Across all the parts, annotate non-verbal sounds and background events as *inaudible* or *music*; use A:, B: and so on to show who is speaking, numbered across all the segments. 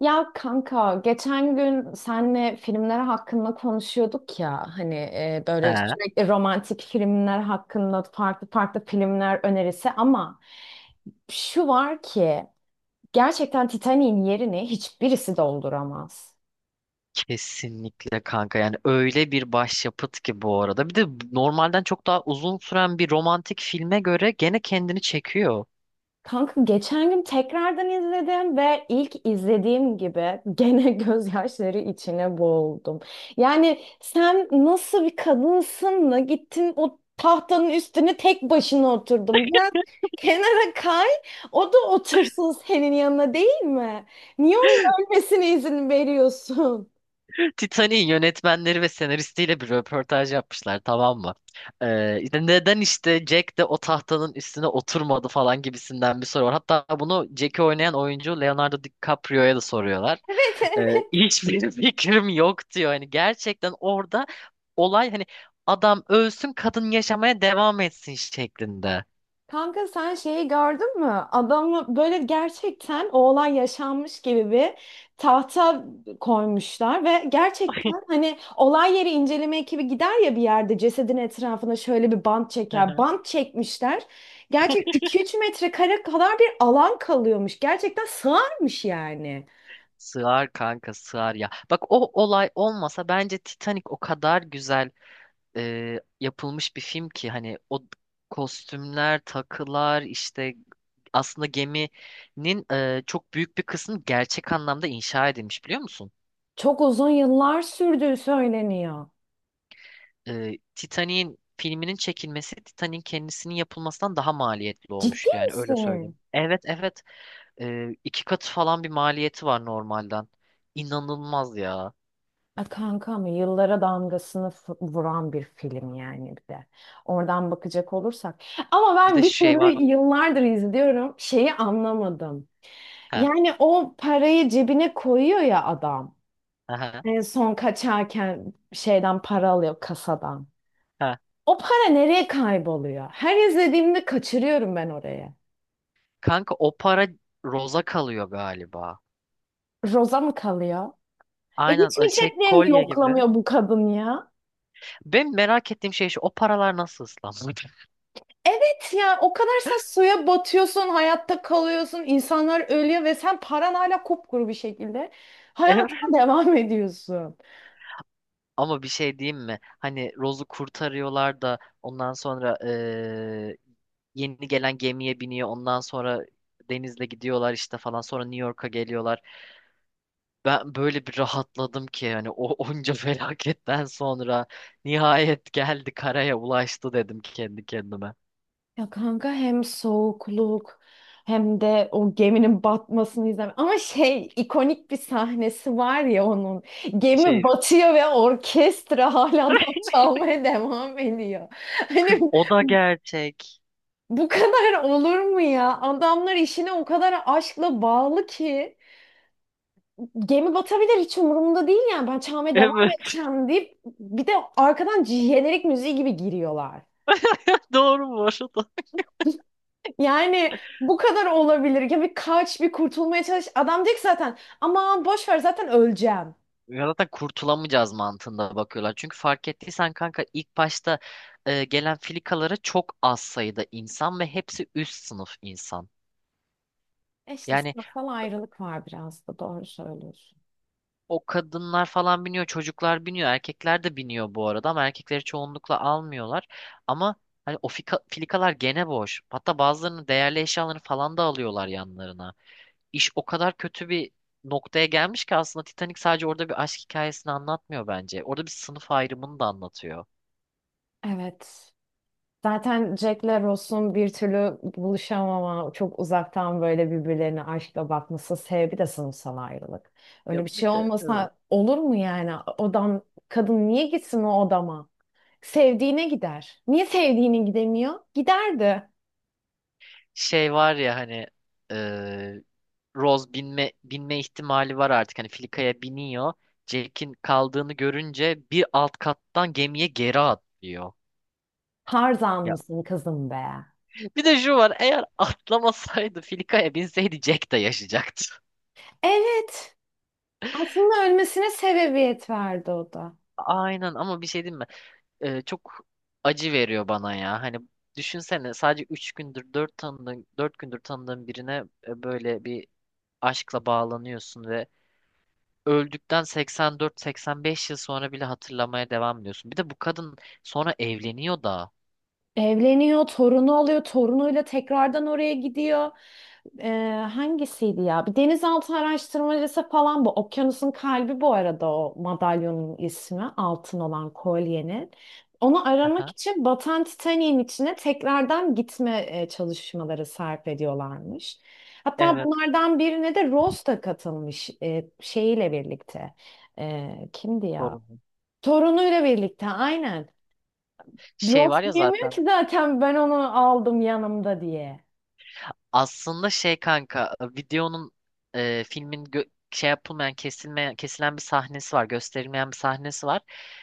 A: Ya kanka geçen gün senle filmler hakkında konuşuyorduk ya hani
B: He,
A: böyle sürekli romantik filmler hakkında farklı farklı filmler önerisi ama şu var ki gerçekten Titanic'in yerini hiçbirisi dolduramaz.
B: kesinlikle kanka, yani öyle bir başyapıt ki bu arada. Bir de normalden çok daha uzun süren bir romantik filme göre gene kendini çekiyor.
A: Kanka geçen gün tekrardan izledim ve ilk izlediğim gibi gene *laughs* gözyaşları içine boğuldum. Yani sen nasıl bir kadınsın da gittin o tahtanın üstüne tek başına oturdun. Biraz kenara kay, o da otursun senin yanına değil mi? Niye onun ölmesine izin veriyorsun? *laughs*
B: *laughs* Titanic'in yönetmenleri ve senaristiyle bir röportaj yapmışlar, tamam mı? İşte neden işte Jack de o tahtanın üstüne oturmadı falan gibisinden bir soru var. Hatta bunu Jack'i oynayan oyuncu Leonardo DiCaprio'ya da soruyorlar.
A: Evet, evet.
B: Hiçbir *laughs* fikrim yok diyor. Hani gerçekten orada olay hani adam ölsün, kadın yaşamaya devam etsin şeklinde.
A: Kanka sen şeyi gördün mü? Adamı böyle gerçekten o olay yaşanmış gibi bir tahta koymuşlar ve gerçekten hani olay yeri inceleme ekibi gider ya bir yerde cesedin etrafına şöyle bir bant
B: Hı
A: çeker.
B: hı.
A: Bant çekmişler. Gerçek 2-3 metrekare kadar bir alan kalıyormuş. Gerçekten sığarmış yani.
B: Sığar kanka, sığar ya. Bak, o olay olmasa bence Titanic o kadar güzel yapılmış bir film ki hani o kostümler, takılar işte aslında geminin çok büyük bir kısmı gerçek anlamda inşa edilmiş, biliyor musun?
A: Çok uzun yıllar sürdüğü söyleniyor.
B: Titanic'in filminin çekilmesi Titanic'in kendisinin yapılmasından daha maliyetli
A: Ciddi
B: olmuş, yani öyle
A: misin?
B: söyleyeyim. Evet, evet, iki katı falan bir maliyeti var normalden. İnanılmaz ya.
A: E, kanka mı yıllara damgasını vuran bir film yani bir de. Oradan bakacak olursak. Ama
B: Bir
A: ben
B: de
A: bir
B: şey
A: türlü
B: var.
A: yıllardır izliyorum şeyi anlamadım.
B: Ha,
A: Yani o parayı cebine koyuyor ya adam.
B: ha, ha.
A: En son kaçarken şeyden para alıyor kasadan.
B: Ha.
A: O para nereye kayboluyor? Her izlediğimde kaçırıyorum ben oraya.
B: Kanka o para Rose'a kalıyor galiba.
A: Roza mı kalıyor? E
B: Aynen,
A: hiç mi
B: şey
A: ceplerini
B: kolye gibi.
A: yoklamıyor bu kadın ya?
B: Ben merak ettiğim şey şu, o paralar nasıl ıslanmadı?
A: Evet ya o kadar sen suya batıyorsun, hayatta kalıyorsun, insanlar ölüyor ve sen paran hala kupkuru bir şekilde
B: *laughs*
A: hayatına *laughs* devam ediyorsun.
B: Ama bir şey diyeyim mi? Hani Rose'u kurtarıyorlar da ondan sonra yeni gelen gemiye biniyor. Ondan sonra denizle gidiyorlar işte falan. Sonra New York'a geliyorlar. Ben böyle bir rahatladım ki hani o *laughs* onca felaketten sonra nihayet geldi, karaya ulaştı dedim kendi kendime.
A: Ya kanka hem soğukluk hem de o geminin batmasını izlemek. Ama şey ikonik bir sahnesi var ya onun. Gemi
B: Şey
A: batıyor ve orkestra hala *laughs* da
B: *laughs*
A: çalmaya devam ediyor. Hani
B: kız, o da gerçek.
A: bu kadar olur mu ya? Adamlar işine o kadar aşkla bağlı ki. Gemi batabilir hiç umurumda değil yani ben çalmaya devam
B: Evet,
A: edeceğim deyip bir de arkadan jenerik müziği gibi giriyorlar.
B: *laughs* doğru bu arada.
A: *laughs* Yani bu kadar olabilir. Ya bir kaç bir kurtulmaya çalış. Adam diyecek zaten aman boş ver zaten öleceğim.
B: Ya zaten kurtulamayacağız mantığında bakıyorlar. Çünkü fark ettiysen kanka, ilk başta gelen filikalara çok az sayıda insan ve hepsi üst sınıf insan.
A: E işte
B: Yani
A: sınıfsal ayrılık var biraz da doğru söylüyorsun.
B: o kadınlar falan biniyor, çocuklar biniyor, erkekler de biniyor bu arada, ama erkekleri çoğunlukla almıyorlar. Ama hani filikalar gene boş. Hatta bazılarının değerli eşyalarını falan da alıyorlar yanlarına. İş o kadar kötü bir noktaya gelmiş ki aslında Titanic sadece orada bir aşk hikayesini anlatmıyor bence. Orada bir sınıf ayrımını da anlatıyor.
A: Evet. Zaten Jack'le Ross'un bir türlü buluşamama, çok uzaktan böyle birbirlerine aşkla bakması sebebi de sınıfsal ayrılık.
B: Ya
A: Öyle bir şey
B: bir de evet.
A: olmasa olur mu yani? Odam, kadın niye gitsin o odama? Sevdiğine gider. Niye sevdiğine gidemiyor? Giderdi.
B: Şey var ya hani eee Rose binme ihtimali var artık. Hani Filika'ya biniyor. Jack'in kaldığını görünce bir alt kattan gemiye geri atlıyor.
A: Tarzan
B: Ya,
A: mısın kızım be?
B: bir de şu var, eğer atlamasaydı Filika'ya binseydi Jack de yaşayacaktı.
A: Evet. Aslında ölmesine sebebiyet verdi o da.
B: Aynen, ama bir şey diyeyim mi? Çok acı veriyor bana ya. Hani düşünsene, sadece 3 gündür 4 tanıdığın 4 gündür tanıdığın birine böyle bir aşkla bağlanıyorsun ve öldükten 84-85 yıl sonra bile hatırlamaya devam ediyorsun. Bir de bu kadın sonra evleniyor da.
A: Evleniyor, torunu oluyor, torunuyla tekrardan oraya gidiyor. Ee, Hangisiydi ya? Bir denizaltı araştırmacısı falan bu. Okyanusun kalbi bu arada o madalyonun ismi. Altın olan kolyenin. Onu aramak
B: Aha,
A: için batan Titanik'in içine tekrardan gitme çalışmaları sarf ediyorlarmış. Hatta
B: evet,
A: bunlardan birine de Rose da katılmış e, şeyiyle birlikte. E, kimdi ya?
B: sorun.
A: Torunuyla birlikte aynen.
B: Şey
A: Drop
B: var ya
A: yemiyor
B: zaten
A: ki zaten ben onu aldım yanımda diye.
B: aslında şey, kanka, filmin gö- şey yapılmayan kesilmeyen kesilen bir sahnesi var, gösterilmeyen bir sahnesi var.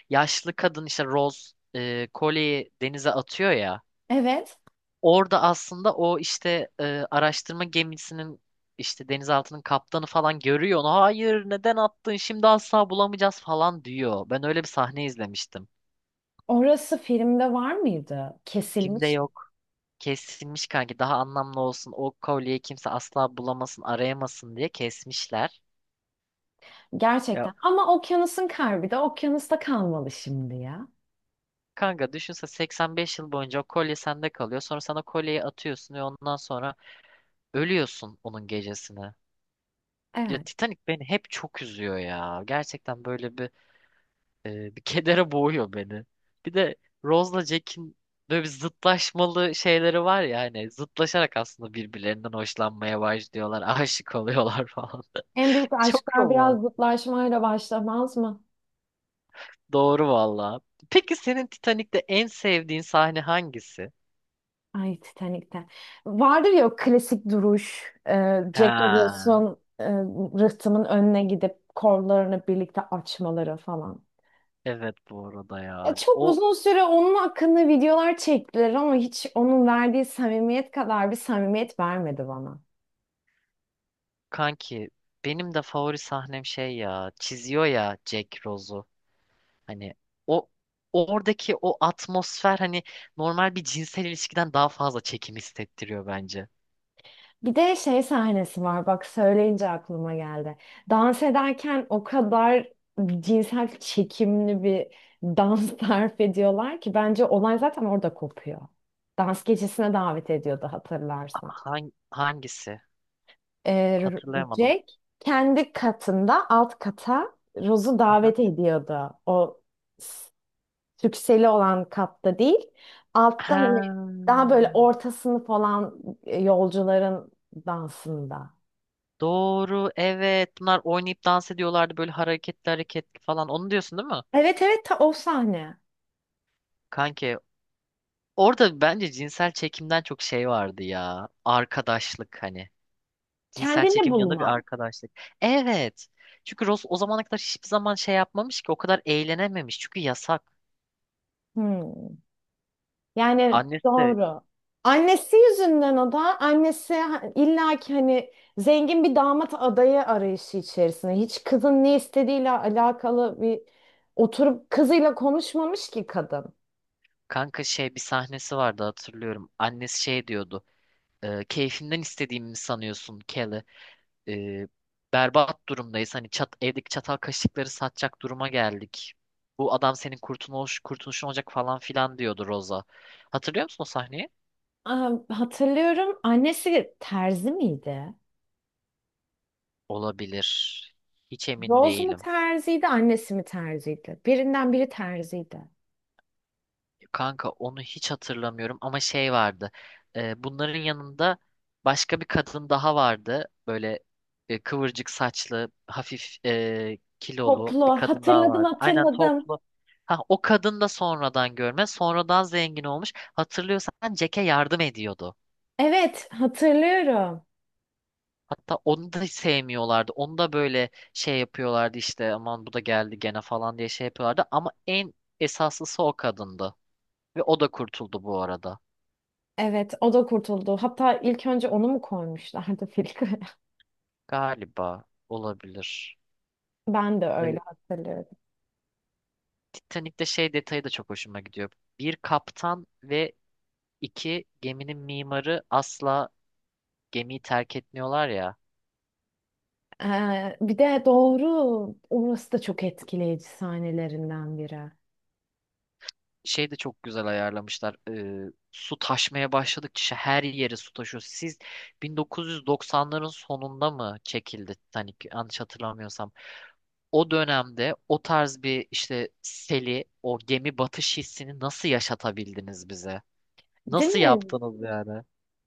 B: Yaşlı kadın işte Rose kolyeyi denize atıyor ya.
A: Evet.
B: Orada aslında araştırma gemisinin işte denizaltının kaptanı falan görüyor onu. Hayır, neden attın şimdi, asla bulamayacağız falan diyor. Ben öyle bir sahne izlemiştim.
A: Orası filmde var mıydı?
B: Filmde
A: Kesilmiş mi?
B: yok. Kesilmiş kanki, daha anlamlı olsun, o kolyeyi kimse asla bulamasın, arayamasın diye kesmişler. Ya
A: Gerçekten. Ama okyanusun kalbi de okyanusta kalmalı şimdi ya.
B: kanka, düşünse 85 yıl boyunca o kolye sende kalıyor. Sonra sana kolyeyi atıyorsun ve ondan sonra ölüyorsun onun gecesine. Ya
A: Evet.
B: Titanic beni hep çok üzüyor ya. Gerçekten böyle bir bir kedere boğuyor beni. Bir de Rose'la Jack'in böyle bir zıtlaşmalı şeyleri var ya, hani zıtlaşarak aslında birbirlerinden hoşlanmaya başlıyorlar, *laughs* aşık oluyorlar falan.
A: En
B: *laughs*
A: büyük
B: Çok
A: aşklar
B: roman.
A: biraz zıtlaşmayla başlamaz mı?
B: Doğru valla. Peki senin Titanic'te en sevdiğin sahne hangisi?
A: Ay Titanik'te. Vardır ya o klasik duruş. Jack
B: Ha.
A: Nicholson rıhtımın önüne gidip kollarını birlikte açmaları falan.
B: Evet, bu arada
A: Ya
B: ya.
A: çok
B: O
A: uzun süre onun hakkında videolar çektiler ama hiç onun verdiği samimiyet kadar bir samimiyet vermedi bana.
B: kanki, benim de favori sahnem şey ya. Çiziyor ya Jack Rose'u. Hani o oradaki o atmosfer hani normal bir cinsel ilişkiden daha fazla çekim hissettiriyor bence.
A: Bir de şey sahnesi var bak söyleyince aklıma geldi. Dans ederken o kadar cinsel çekimli bir dans *laughs* tarif ediyorlar ki bence olay zaten orada kopuyor. Dans gecesine davet ediyordu hatırlarsan.
B: Hangi, hangisi?
A: Ee,
B: Hatırlayamadım.
A: Jack kendi katında alt kata Rose'u
B: Aha.
A: davet ediyordu. O s- sükseli olan katta değil. Altta
B: Ha,
A: hani daha böyle ortasını falan yolcuların dansında.
B: doğru, evet, bunlar oynayıp dans ediyorlardı böyle hareketli hareketli falan, onu diyorsun değil mi?
A: Evet evet ta o sahne.
B: Kanki orada bence cinsel çekimden çok şey vardı ya, arkadaşlık, hani cinsel
A: Kendini
B: çekim yanında bir
A: bulma.
B: arkadaşlık. Evet, çünkü Ross o zamana kadar hiçbir zaman şey yapmamış ki, o kadar eğlenememiş çünkü yasak.
A: Hmm. Yani
B: Annesi de
A: doğru. Annesi yüzünden o da annesi illaki hani zengin bir damat adayı arayışı içerisinde. Hiç kızın ne istediğiyle alakalı bir oturup kızıyla konuşmamış ki kadın.
B: kanka, şey, bir sahnesi vardı hatırlıyorum. Annesi şey diyordu. Keyfimden istediğimi mi sanıyorsun, Kelly? E, Berbat durumdayız. Hani çat, evdeki çatal kaşıkları satacak duruma geldik. Bu adam senin kurtuluşun olacak falan filan diyordu Rosa. Hatırlıyor musun o sahneyi?
A: Aa, hatırlıyorum annesi terzi miydi?
B: Olabilir. Hiç emin
A: Rose mu
B: değilim.
A: terziydi, annesi mi terziydi? Birinden biri terziydi.
B: Kanka onu hiç hatırlamıyorum ama şey vardı. Bunların yanında başka bir kadın daha vardı. Böyle kıvırcık saçlı, hafif kilolu
A: Toplu.
B: bir kadın daha
A: Hatırladım
B: vardı. Aynen,
A: hatırladım.
B: toplu. Ha, o kadın da sonradan görme, sonradan zengin olmuş. Hatırlıyorsan Jack'e yardım ediyordu.
A: Evet hatırlıyorum.
B: Hatta onu da hiç sevmiyorlardı. Onu da böyle şey yapıyorlardı, işte aman bu da geldi gene falan diye şey yapıyorlardı. Ama en esaslısı o kadındı. Ve o da kurtuldu bu arada.
A: Evet, o da kurtuldu. Hatta ilk önce onu mu koymuşlardı filtre? *laughs*
B: Galiba, olabilir.
A: Ben de
B: Ee,
A: öyle hatırlıyorum.
B: Titanic'te şey detayı da çok hoşuma gidiyor. Bir kaptan ve iki geminin mimarı asla gemiyi terk etmiyorlar ya.
A: Bir de doğru, orası da çok etkileyici sahnelerinden biri.
B: Şey de çok güzel ayarlamışlar. Su taşmaya başladıkça her yere su taşıyor. Siz 1990'ların sonunda mı çekildi Titanic, yanlış hatırlamıyorsam. O dönemde o tarz bir işte seli, o gemi batış hissini nasıl yaşatabildiniz bize?
A: Değil
B: Nasıl
A: mi?
B: yaptınız yani?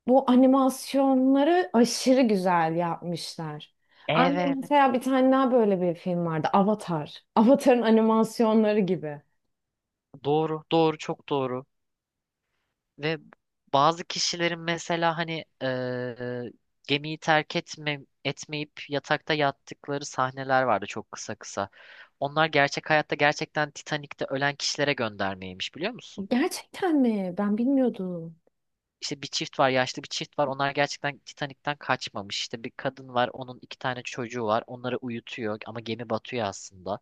A: Bu animasyonları aşırı güzel yapmışlar. Aynı
B: Evet.
A: mesela bir tane daha böyle bir film vardı. Avatar. Avatar'ın animasyonları gibi.
B: Doğru, doğru, çok doğru. Ve bazı kişilerin mesela hani gemiyi etmeyip yatakta yattıkları sahneler vardı çok kısa kısa. Onlar gerçek hayatta gerçekten Titanik'te ölen kişilere göndermeymiş, biliyor musun?
A: Gerçekten mi? Ben bilmiyordum.
B: İşte bir çift var, yaşlı bir çift var. Onlar gerçekten Titanik'ten kaçmamış. İşte bir kadın var, onun iki tane çocuğu var. Onları uyutuyor ama gemi batıyor aslında.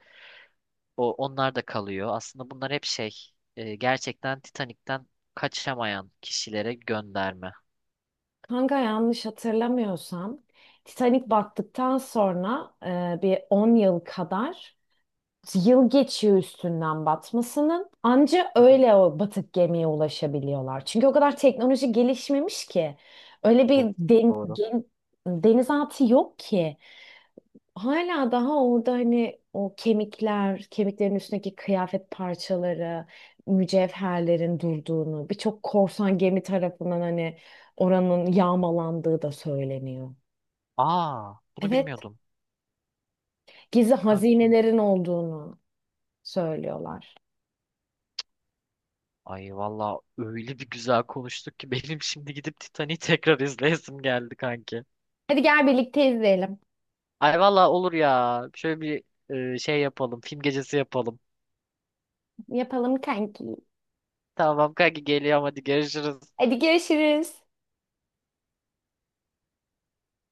B: Onlar da kalıyor. Aslında bunlar hep şey gerçekten Titanik'ten kaçamayan kişilere gönderme.
A: Kanka yanlış hatırlamıyorsam Titanic battıktan sonra bir 10 yıl kadar yıl geçiyor üstünden batmasının. Anca
B: Aha,
A: öyle o batık gemiye ulaşabiliyorlar. Çünkü o kadar teknoloji gelişmemiş ki. Öyle
B: do-
A: bir
B: doğru.
A: denizaltı yok ki. Hala daha orada hani o kemikler, kemiklerin üstündeki kıyafet parçaları, mücevherlerin durduğunu, birçok korsan gemi tarafından hani oranın yağmalandığı da söyleniyor.
B: Aa, bunu
A: Evet,
B: bilmiyordum.
A: gizli
B: Kanki.
A: hazinelerin olduğunu söylüyorlar.
B: Ay valla öyle bir güzel konuştuk ki *laughs* benim şimdi gidip Titanic'i tekrar izleyesim geldi kanki.
A: Hadi gel birlikte izleyelim.
B: Ay valla olur ya. Şöyle bir şey yapalım. Film gecesi yapalım.
A: Yapalım kanki.
B: Tamam kanki, geliyorum, hadi görüşürüz.
A: Hadi görüşürüz.